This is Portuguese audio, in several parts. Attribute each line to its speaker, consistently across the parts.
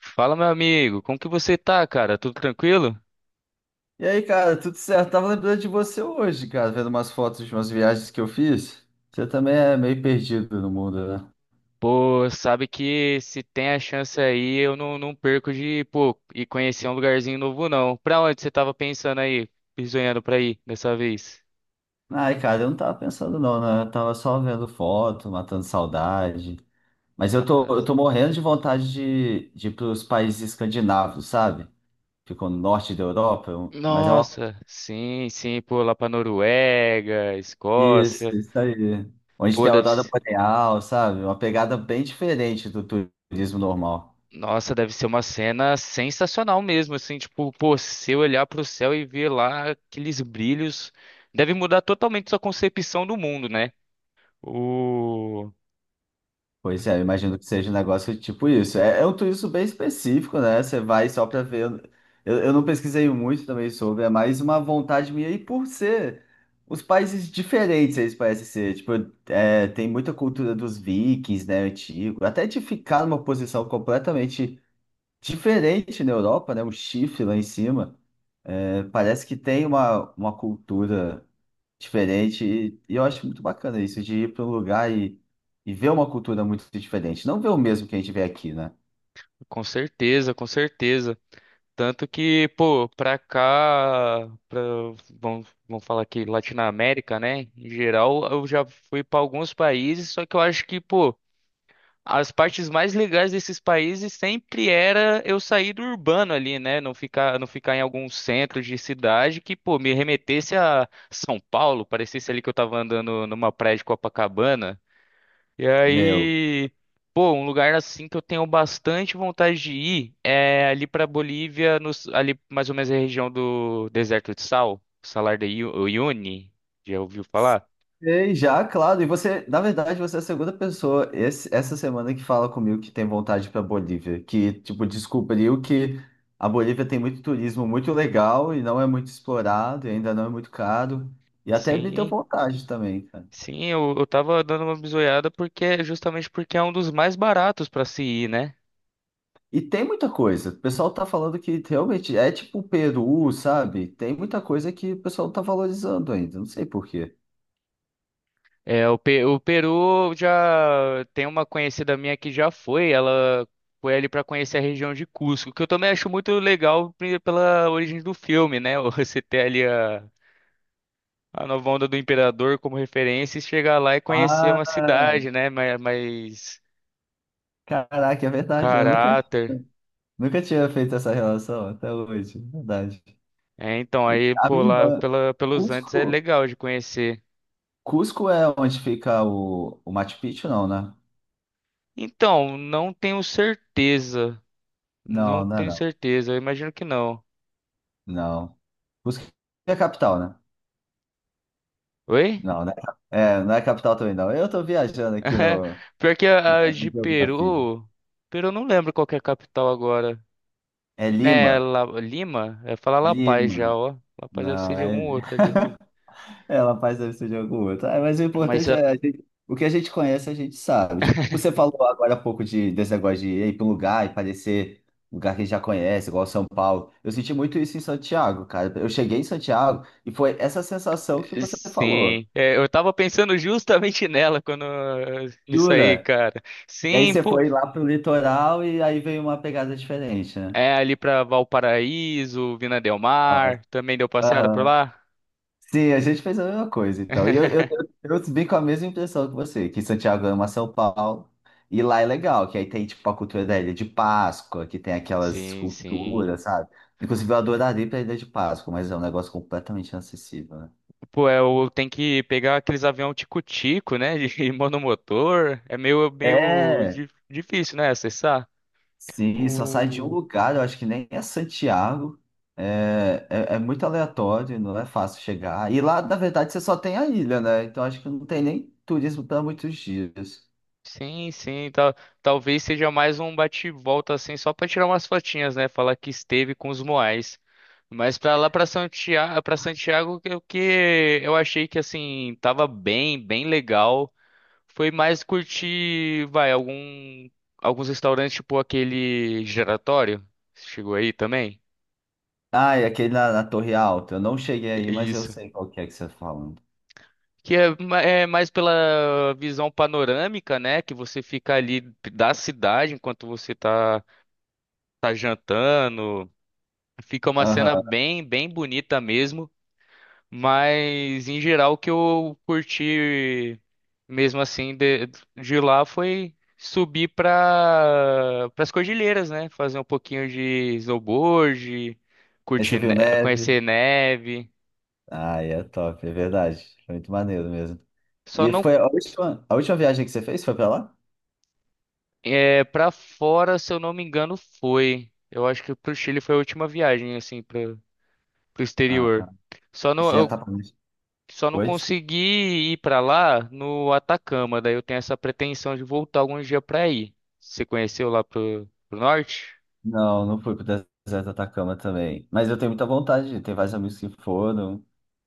Speaker 1: Fala, meu amigo, como que você tá, cara? Tudo tranquilo?
Speaker 2: E aí, cara, tudo certo? Tava lembrando de você hoje, cara, vendo umas fotos de umas viagens que eu fiz. Você também é meio perdido no mundo, né?
Speaker 1: Pô, sabe que se tem a chance aí, eu não perco de, pô, ir conhecer um lugarzinho novo, não. Pra onde você tava pensando aí, sonhando pra ir dessa vez?
Speaker 2: Ai, cara, eu não tava pensando não, né? Eu tava só vendo foto, matando saudade. Mas eu tô morrendo de vontade de ir pros países escandinavos, sabe? Ficam no norte da Europa, mas é uma...
Speaker 1: Nossa, sim, sim, pô, lá pra Noruega,
Speaker 2: Isso,
Speaker 1: Escócia.
Speaker 2: isso aí. Onde
Speaker 1: Pô,
Speaker 2: tem a
Speaker 1: deve
Speaker 2: aurora
Speaker 1: ser.
Speaker 2: boreal, sabe? Uma pegada bem diferente do turismo normal.
Speaker 1: Nossa, deve ser uma cena sensacional mesmo, assim, tipo, pô, se eu olhar pro céu e ver lá aqueles brilhos, deve mudar totalmente sua concepção do mundo, né? O...
Speaker 2: Pois é, eu imagino que seja um negócio tipo isso. É, é um turismo bem específico, né? Você vai só para ver. Eu não pesquisei muito também sobre, é mais uma vontade minha. E por ser os países diferentes, eles parecem ser. Tipo, é, tem muita cultura dos vikings, né? Antigo. Até de ficar numa posição completamente diferente na Europa, né? Um chifre lá em cima. É, parece que tem uma cultura diferente. E eu acho muito bacana isso, de ir para um lugar e ver uma cultura muito diferente. Não ver o mesmo que a gente vê aqui, né?
Speaker 1: Com certeza, com certeza. Tanto que, pô, pra cá, pra, vamos falar aqui, Latinoamérica, né? Em geral, eu já fui pra alguns países, só que eu acho que, pô, as partes mais legais desses países sempre era eu sair do urbano ali, né? Não ficar em algum centro de cidade que, pô, me remetesse a São Paulo, parecesse ali que eu tava andando numa praia de Copacabana. E
Speaker 2: Meu.
Speaker 1: aí, pô, um lugar assim que eu tenho bastante vontade de ir é ali pra Bolívia, ali mais ou menos na região do Deserto de Sal, Uyuni. Já ouviu falar?
Speaker 2: Sei, já, claro. E você, na verdade, você é a segunda pessoa essa semana que fala comigo que tem vontade para Bolívia, que, tipo, descobriu que a Bolívia tem muito turismo muito legal e não é muito explorado, e ainda não é muito caro. E até me deu
Speaker 1: Sim,
Speaker 2: vontade também.
Speaker 1: sim, eu tava dando uma bisoiada porque justamente porque é um dos mais baratos pra se ir, né?
Speaker 2: E tem muita coisa. O pessoal tá falando que realmente é tipo o Peru, sabe? Tem muita coisa que o pessoal não tá valorizando ainda. Não sei por quê.
Speaker 1: É, o Peru já tem uma conhecida minha que já foi, ela foi ali para conhecer a região de Cusco, que eu também acho muito legal pela origem do filme, né? Você ter ali a nova onda do imperador como referência e chegar lá e conhecer
Speaker 2: Ah,
Speaker 1: uma cidade, né? Mais, mais
Speaker 2: caraca, é verdade. Eu nunca,
Speaker 1: caráter.
Speaker 2: nunca tinha feito essa relação até hoje. É verdade.
Speaker 1: É, então,
Speaker 2: E
Speaker 1: aí
Speaker 2: a
Speaker 1: por
Speaker 2: minha
Speaker 1: lá
Speaker 2: irmã.
Speaker 1: pela, pelos Andes é
Speaker 2: Cusco.
Speaker 1: legal de conhecer.
Speaker 2: Cusco é onde fica o Machu Picchu, não, né?
Speaker 1: Então, não tenho certeza. Não
Speaker 2: Não, não é
Speaker 1: tenho
Speaker 2: não.
Speaker 1: certeza, eu imagino que não.
Speaker 2: Não. Cusco é a capital, né?
Speaker 1: Oi?
Speaker 2: Não, não é, é, não é a capital também, não. Eu tô viajando aqui
Speaker 1: É,
Speaker 2: no,
Speaker 1: pior que
Speaker 2: na,
Speaker 1: a
Speaker 2: na
Speaker 1: de
Speaker 2: geografia.
Speaker 1: Peru. Peru eu não lembro qual que é a capital agora.
Speaker 2: É
Speaker 1: Né,
Speaker 2: Lima.
Speaker 1: Lima? É falar La Paz já,
Speaker 2: Lima.
Speaker 1: ó. La Paz deve ser
Speaker 2: Não,
Speaker 1: de
Speaker 2: é...
Speaker 1: algum outro ali, pô.
Speaker 2: ela faz deve ser de algum outro. Ah, mas o
Speaker 1: Mas
Speaker 2: importante é o que a gente conhece, a gente sabe. Tipo, você falou agora há pouco desse negócio de ir para um lugar e parecer um lugar que a gente já conhece, igual São Paulo. Eu senti muito isso em Santiago, cara. Eu cheguei em Santiago e foi essa sensação que você falou.
Speaker 1: sim, é, eu tava pensando justamente nela quando nisso aí,
Speaker 2: Jura?
Speaker 1: cara.
Speaker 2: E aí
Speaker 1: Sim,
Speaker 2: você
Speaker 1: pô,
Speaker 2: foi lá pro litoral e aí veio uma pegada diferente, né?
Speaker 1: é ali pra Valparaíso, Vina del Mar, também deu passeada por
Speaker 2: Nossa.
Speaker 1: lá?
Speaker 2: Sim, a gente fez a mesma coisa e tal. Eu vim com a mesma impressão que você, que Santiago ama São Paulo. E lá é legal, que aí tem tipo a cultura da Ilha de Páscoa, que tem aquelas
Speaker 1: Sim, sim.
Speaker 2: esculturas, sabe? Inclusive eu adoraria ir pra Ilha de Páscoa, mas é um negócio completamente inacessível, né?
Speaker 1: Pô, é, eu tenho que pegar aqueles avião tico-tico, né? De monomotor. É meio,
Speaker 2: É,
Speaker 1: difícil, né? Acessar.
Speaker 2: sim, só sai de um
Speaker 1: O...
Speaker 2: lugar, eu acho que nem é Santiago. É muito aleatório, não é fácil chegar. E lá, na verdade, você só tem a ilha, né? Então acho que não tem nem turismo para muitos dias.
Speaker 1: Sim, sim. Talvez seja mais um bate-volta, assim, só pra tirar umas fotinhas, né? Falar que esteve com os Moais. Mas pra lá, para Santiago, o que eu achei que, assim, tava bem, bem legal. Foi mais curtir, vai, algum, alguns restaurantes, tipo aquele giratório. Chegou aí também?
Speaker 2: Ah, é aquele na Torre Alta. Eu não cheguei aí, mas eu
Speaker 1: Isso.
Speaker 2: sei qual que é que você tá falando.
Speaker 1: Que é, é mais pela visão panorâmica, né? Que você fica ali da cidade enquanto tá jantando. Fica uma cena
Speaker 2: Aham.
Speaker 1: bem, bem bonita mesmo. Mas, em geral, o que eu curti mesmo assim de lá foi subir para as cordilheiras, né? Fazer um pouquinho de snowboard,
Speaker 2: Aí você
Speaker 1: curtir,
Speaker 2: viu neve?
Speaker 1: conhecer neve.
Speaker 2: Ah, é top, é verdade. Foi muito maneiro mesmo.
Speaker 1: Só
Speaker 2: E
Speaker 1: não
Speaker 2: foi a última viagem que você fez? Foi pra lá?
Speaker 1: é, para fora, se eu não me engano, foi. Eu acho que pro Chile foi a última viagem, assim, para pro
Speaker 2: Ah,
Speaker 1: exterior. Só
Speaker 2: e
Speaker 1: não,
Speaker 2: você já
Speaker 1: eu
Speaker 2: tá planejando?
Speaker 1: só não
Speaker 2: Foi? Desculpa.
Speaker 1: consegui ir pra lá no Atacama, daí eu tenho essa pretensão de voltar algum dia pra ir. Você conheceu lá pro, pro norte?
Speaker 2: Não, não fui pro deserto do Atacama também. Mas eu tenho muita vontade de ir, tem vários amigos que foram.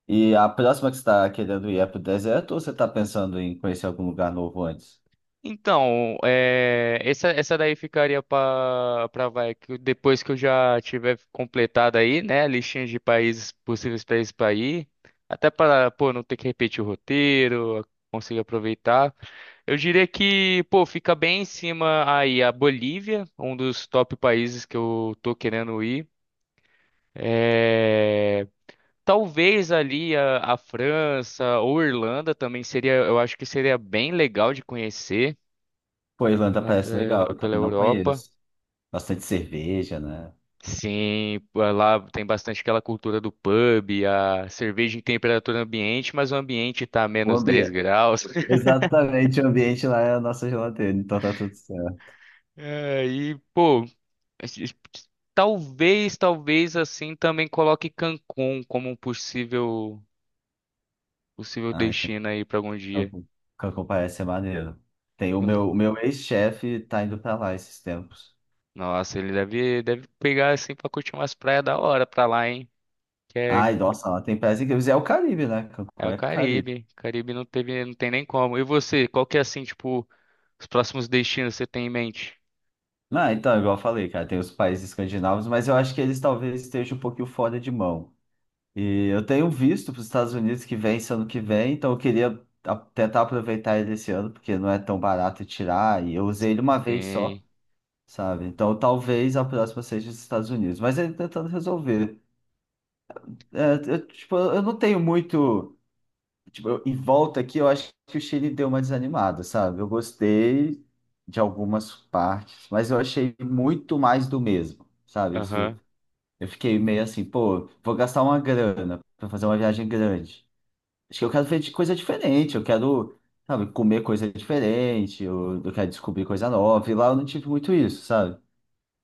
Speaker 2: E a próxima que você tá querendo ir é pro deserto ou você está pensando em conhecer algum lugar novo antes?
Speaker 1: Então, é, essa daí ficaria para vai que depois que eu já tiver completado aí, né, a listinha de países possíveis países para ir, até para, pô, não ter que repetir o roteiro, conseguir aproveitar. Eu diria que, pô, fica bem em cima aí a Bolívia, um dos top países que eu tô querendo ir. É, talvez ali a França ou Irlanda também seria, eu acho que seria bem legal de conhecer.
Speaker 2: Pô, a Irlanda
Speaker 1: Lá
Speaker 2: parece legal,
Speaker 1: pela,
Speaker 2: eu
Speaker 1: pela
Speaker 2: também não
Speaker 1: Europa.
Speaker 2: conheço. Bastante cerveja, né?
Speaker 1: Sim, lá tem bastante aquela cultura do pub, a cerveja em temperatura ambiente, mas o ambiente tá a
Speaker 2: O
Speaker 1: menos 10
Speaker 2: ambi-
Speaker 1: graus.
Speaker 2: Exatamente, o ambiente lá é a nossa geladeira, então tá tudo certo.
Speaker 1: É, e, pô, talvez, talvez assim também coloque Cancún como um possível, possível
Speaker 2: Ai,
Speaker 1: destino aí pra algum dia.
Speaker 2: Cancún Cancún parece ser maneiro. Tem
Speaker 1: Eu-
Speaker 2: o meu ex-chefe tá indo pra lá esses tempos.
Speaker 1: Nossa, ele deve, deve pegar assim pra curtir umas praias da hora pra lá, hein? Que é,
Speaker 2: Ai, nossa, lá tem praias incríveis. É o Caribe, né?
Speaker 1: é
Speaker 2: Cancún
Speaker 1: o
Speaker 2: é Caribe.
Speaker 1: Caribe. Caribe não teve, não tem nem como. E você, qual que é assim, tipo. Os próximos destinos você tem em mente?
Speaker 2: Ah, então, igual eu falei, cara, tem os países escandinavos, mas eu acho que eles talvez estejam um pouquinho fora de mão. E eu tenho visto para os Estados Unidos que vem ano que vem, então eu queria tentar aproveitar ele esse ano, porque não é tão barato tirar, e eu usei ele uma vez só.
Speaker 1: Sim.
Speaker 2: Sabe? Então talvez a próxima seja os Estados Unidos, mas ele tentando resolver. É, eu, tipo, eu não tenho muito. Tipo, em volta aqui, eu acho que o Chile deu uma desanimada, sabe? Eu gostei de algumas partes, mas eu achei muito mais do mesmo, sabe? Isso,
Speaker 1: Aham.
Speaker 2: eu fiquei meio assim, pô, vou gastar uma grana para fazer uma viagem grande. Acho que eu quero ver de coisa diferente, eu quero, sabe, comer coisa diferente, eu quero descobrir coisa nova, e lá eu não tive muito isso, sabe?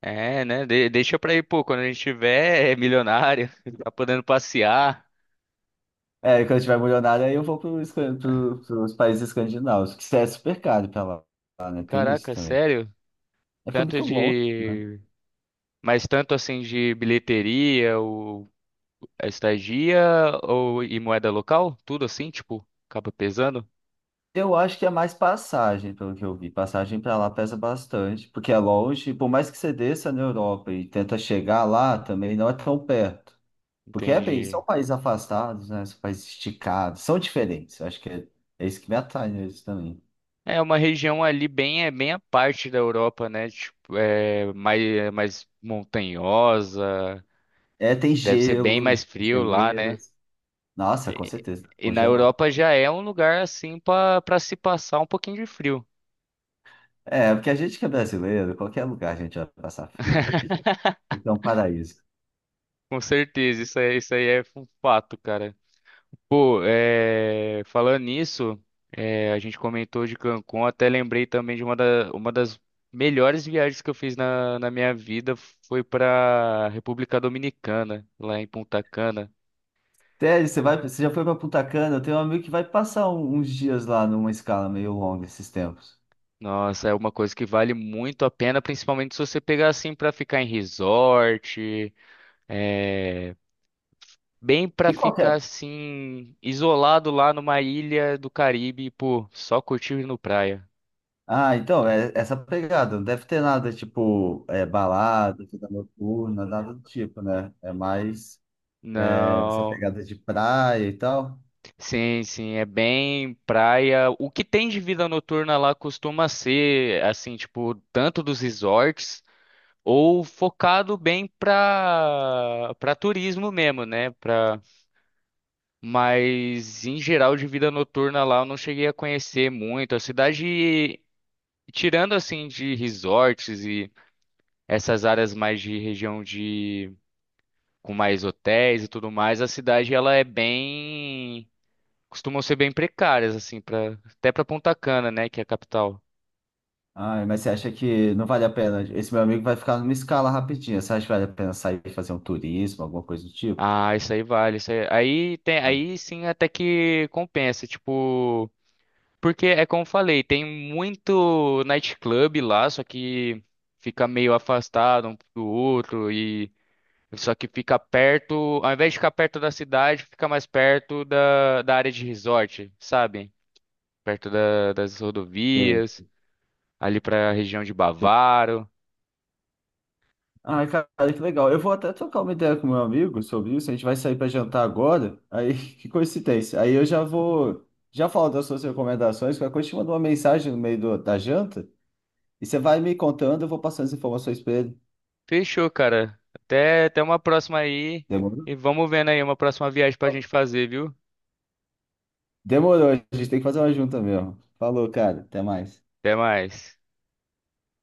Speaker 1: É, né? Deixa pra ir, pô, quando a gente tiver é milionário, tá podendo passear.
Speaker 2: É, quando eu tiver milionário, aí eu vou pros países escandinavos, que é super caro pra lá, né? Tem isso
Speaker 1: Caraca,
Speaker 2: também.
Speaker 1: sério?
Speaker 2: É porque é
Speaker 1: Tanto
Speaker 2: muito longe, né?
Speaker 1: de. Mas tanto assim de bilheteria, ou a estadia, ou e moeda local? Tudo assim, tipo, acaba pesando?
Speaker 2: Eu acho que é mais passagem, pelo que eu vi. Passagem para lá pesa bastante, porque é longe. Por mais que você desça na Europa e tenta chegar lá, também não é tão perto. Porque é bem,
Speaker 1: Entendi.
Speaker 2: são países afastados, né? São países esticados, são diferentes. Eu acho que é, é isso que me atrai neles também.
Speaker 1: É uma região ali bem, é bem a parte da Europa, né? Tipo, é mais, mais montanhosa,
Speaker 2: É, tem
Speaker 1: deve ser
Speaker 2: gelo,
Speaker 1: bem mais frio lá, né?
Speaker 2: geleiras. Nossa, com certeza,
Speaker 1: E na
Speaker 2: congelar.
Speaker 1: Europa já é um lugar assim pra para se passar um pouquinho de frio.
Speaker 2: É, porque a gente que é brasileiro, qualquer lugar a gente vai passar frio. Então, paraíso.
Speaker 1: Com certeza, isso aí é um fato, cara. Pô, é, falando nisso, é, a gente comentou de Cancún, até lembrei também de uma, uma das melhores viagens que eu fiz na, na minha vida foi pra República Dominicana, lá em Punta Cana.
Speaker 2: Até você
Speaker 1: Sim.
Speaker 2: vai, você já foi para Punta Cana? Eu tenho um amigo que vai passar uns dias lá numa escala meio longa esses tempos.
Speaker 1: Nossa, é uma coisa que vale muito a pena, principalmente se você pegar assim pra ficar em resort, é, bem pra
Speaker 2: E qual que
Speaker 1: ficar
Speaker 2: é?
Speaker 1: assim, isolado lá numa ilha do Caribe, e, pô, só curtindo no praia.
Speaker 2: Ah, então, é essa pegada. Não deve ter nada tipo é, balada, vida noturna, nada do tipo, né? É mais é, essa
Speaker 1: Não,
Speaker 2: pegada de praia e tal.
Speaker 1: sim, sim, é bem praia. O que tem de vida noturna lá costuma ser, assim, tipo, tanto dos resorts ou focado bem pra, pra turismo mesmo, né? Pra, mas em geral de vida noturna lá eu não cheguei a conhecer muito. A cidade, tirando assim de resorts e essas áreas mais de região de com mais hotéis e tudo mais, a cidade ela é bem costumam ser bem precárias assim para até para Punta Cana, né, que é a capital.
Speaker 2: Ai, mas você acha que não vale a pena? Esse meu amigo vai ficar numa escala rapidinha. Você acha que vale a pena sair e fazer um turismo, alguma coisa do tipo?
Speaker 1: Ah, isso aí vale, isso aí, aí tem
Speaker 2: Ah, não
Speaker 1: aí sim até que compensa, tipo, porque é como eu falei, tem muito nightclub lá, só que fica meio afastado um do outro e só que fica perto, ao invés de ficar perto da cidade, fica mais perto da, da área de resort, sabe? Perto das rodovias, ali para a região de
Speaker 2: sei.
Speaker 1: Bavaro.
Speaker 2: Ai, cara, que legal. Eu vou até trocar uma ideia com meu amigo sobre isso. A gente vai sair para jantar agora. Aí, que coincidência. Aí eu já vou, já falo das suas recomendações. Qualquer coisa, eu te mando uma mensagem no meio da janta e você vai me contando. Eu vou passando as informações para ele.
Speaker 1: Fechou, cara. Até, até uma próxima aí.
Speaker 2: Demorou?
Speaker 1: E vamos vendo aí uma próxima viagem pra gente fazer, viu?
Speaker 2: Demorou. A gente tem que fazer uma junta mesmo. Falou, cara. Até mais.
Speaker 1: Até mais.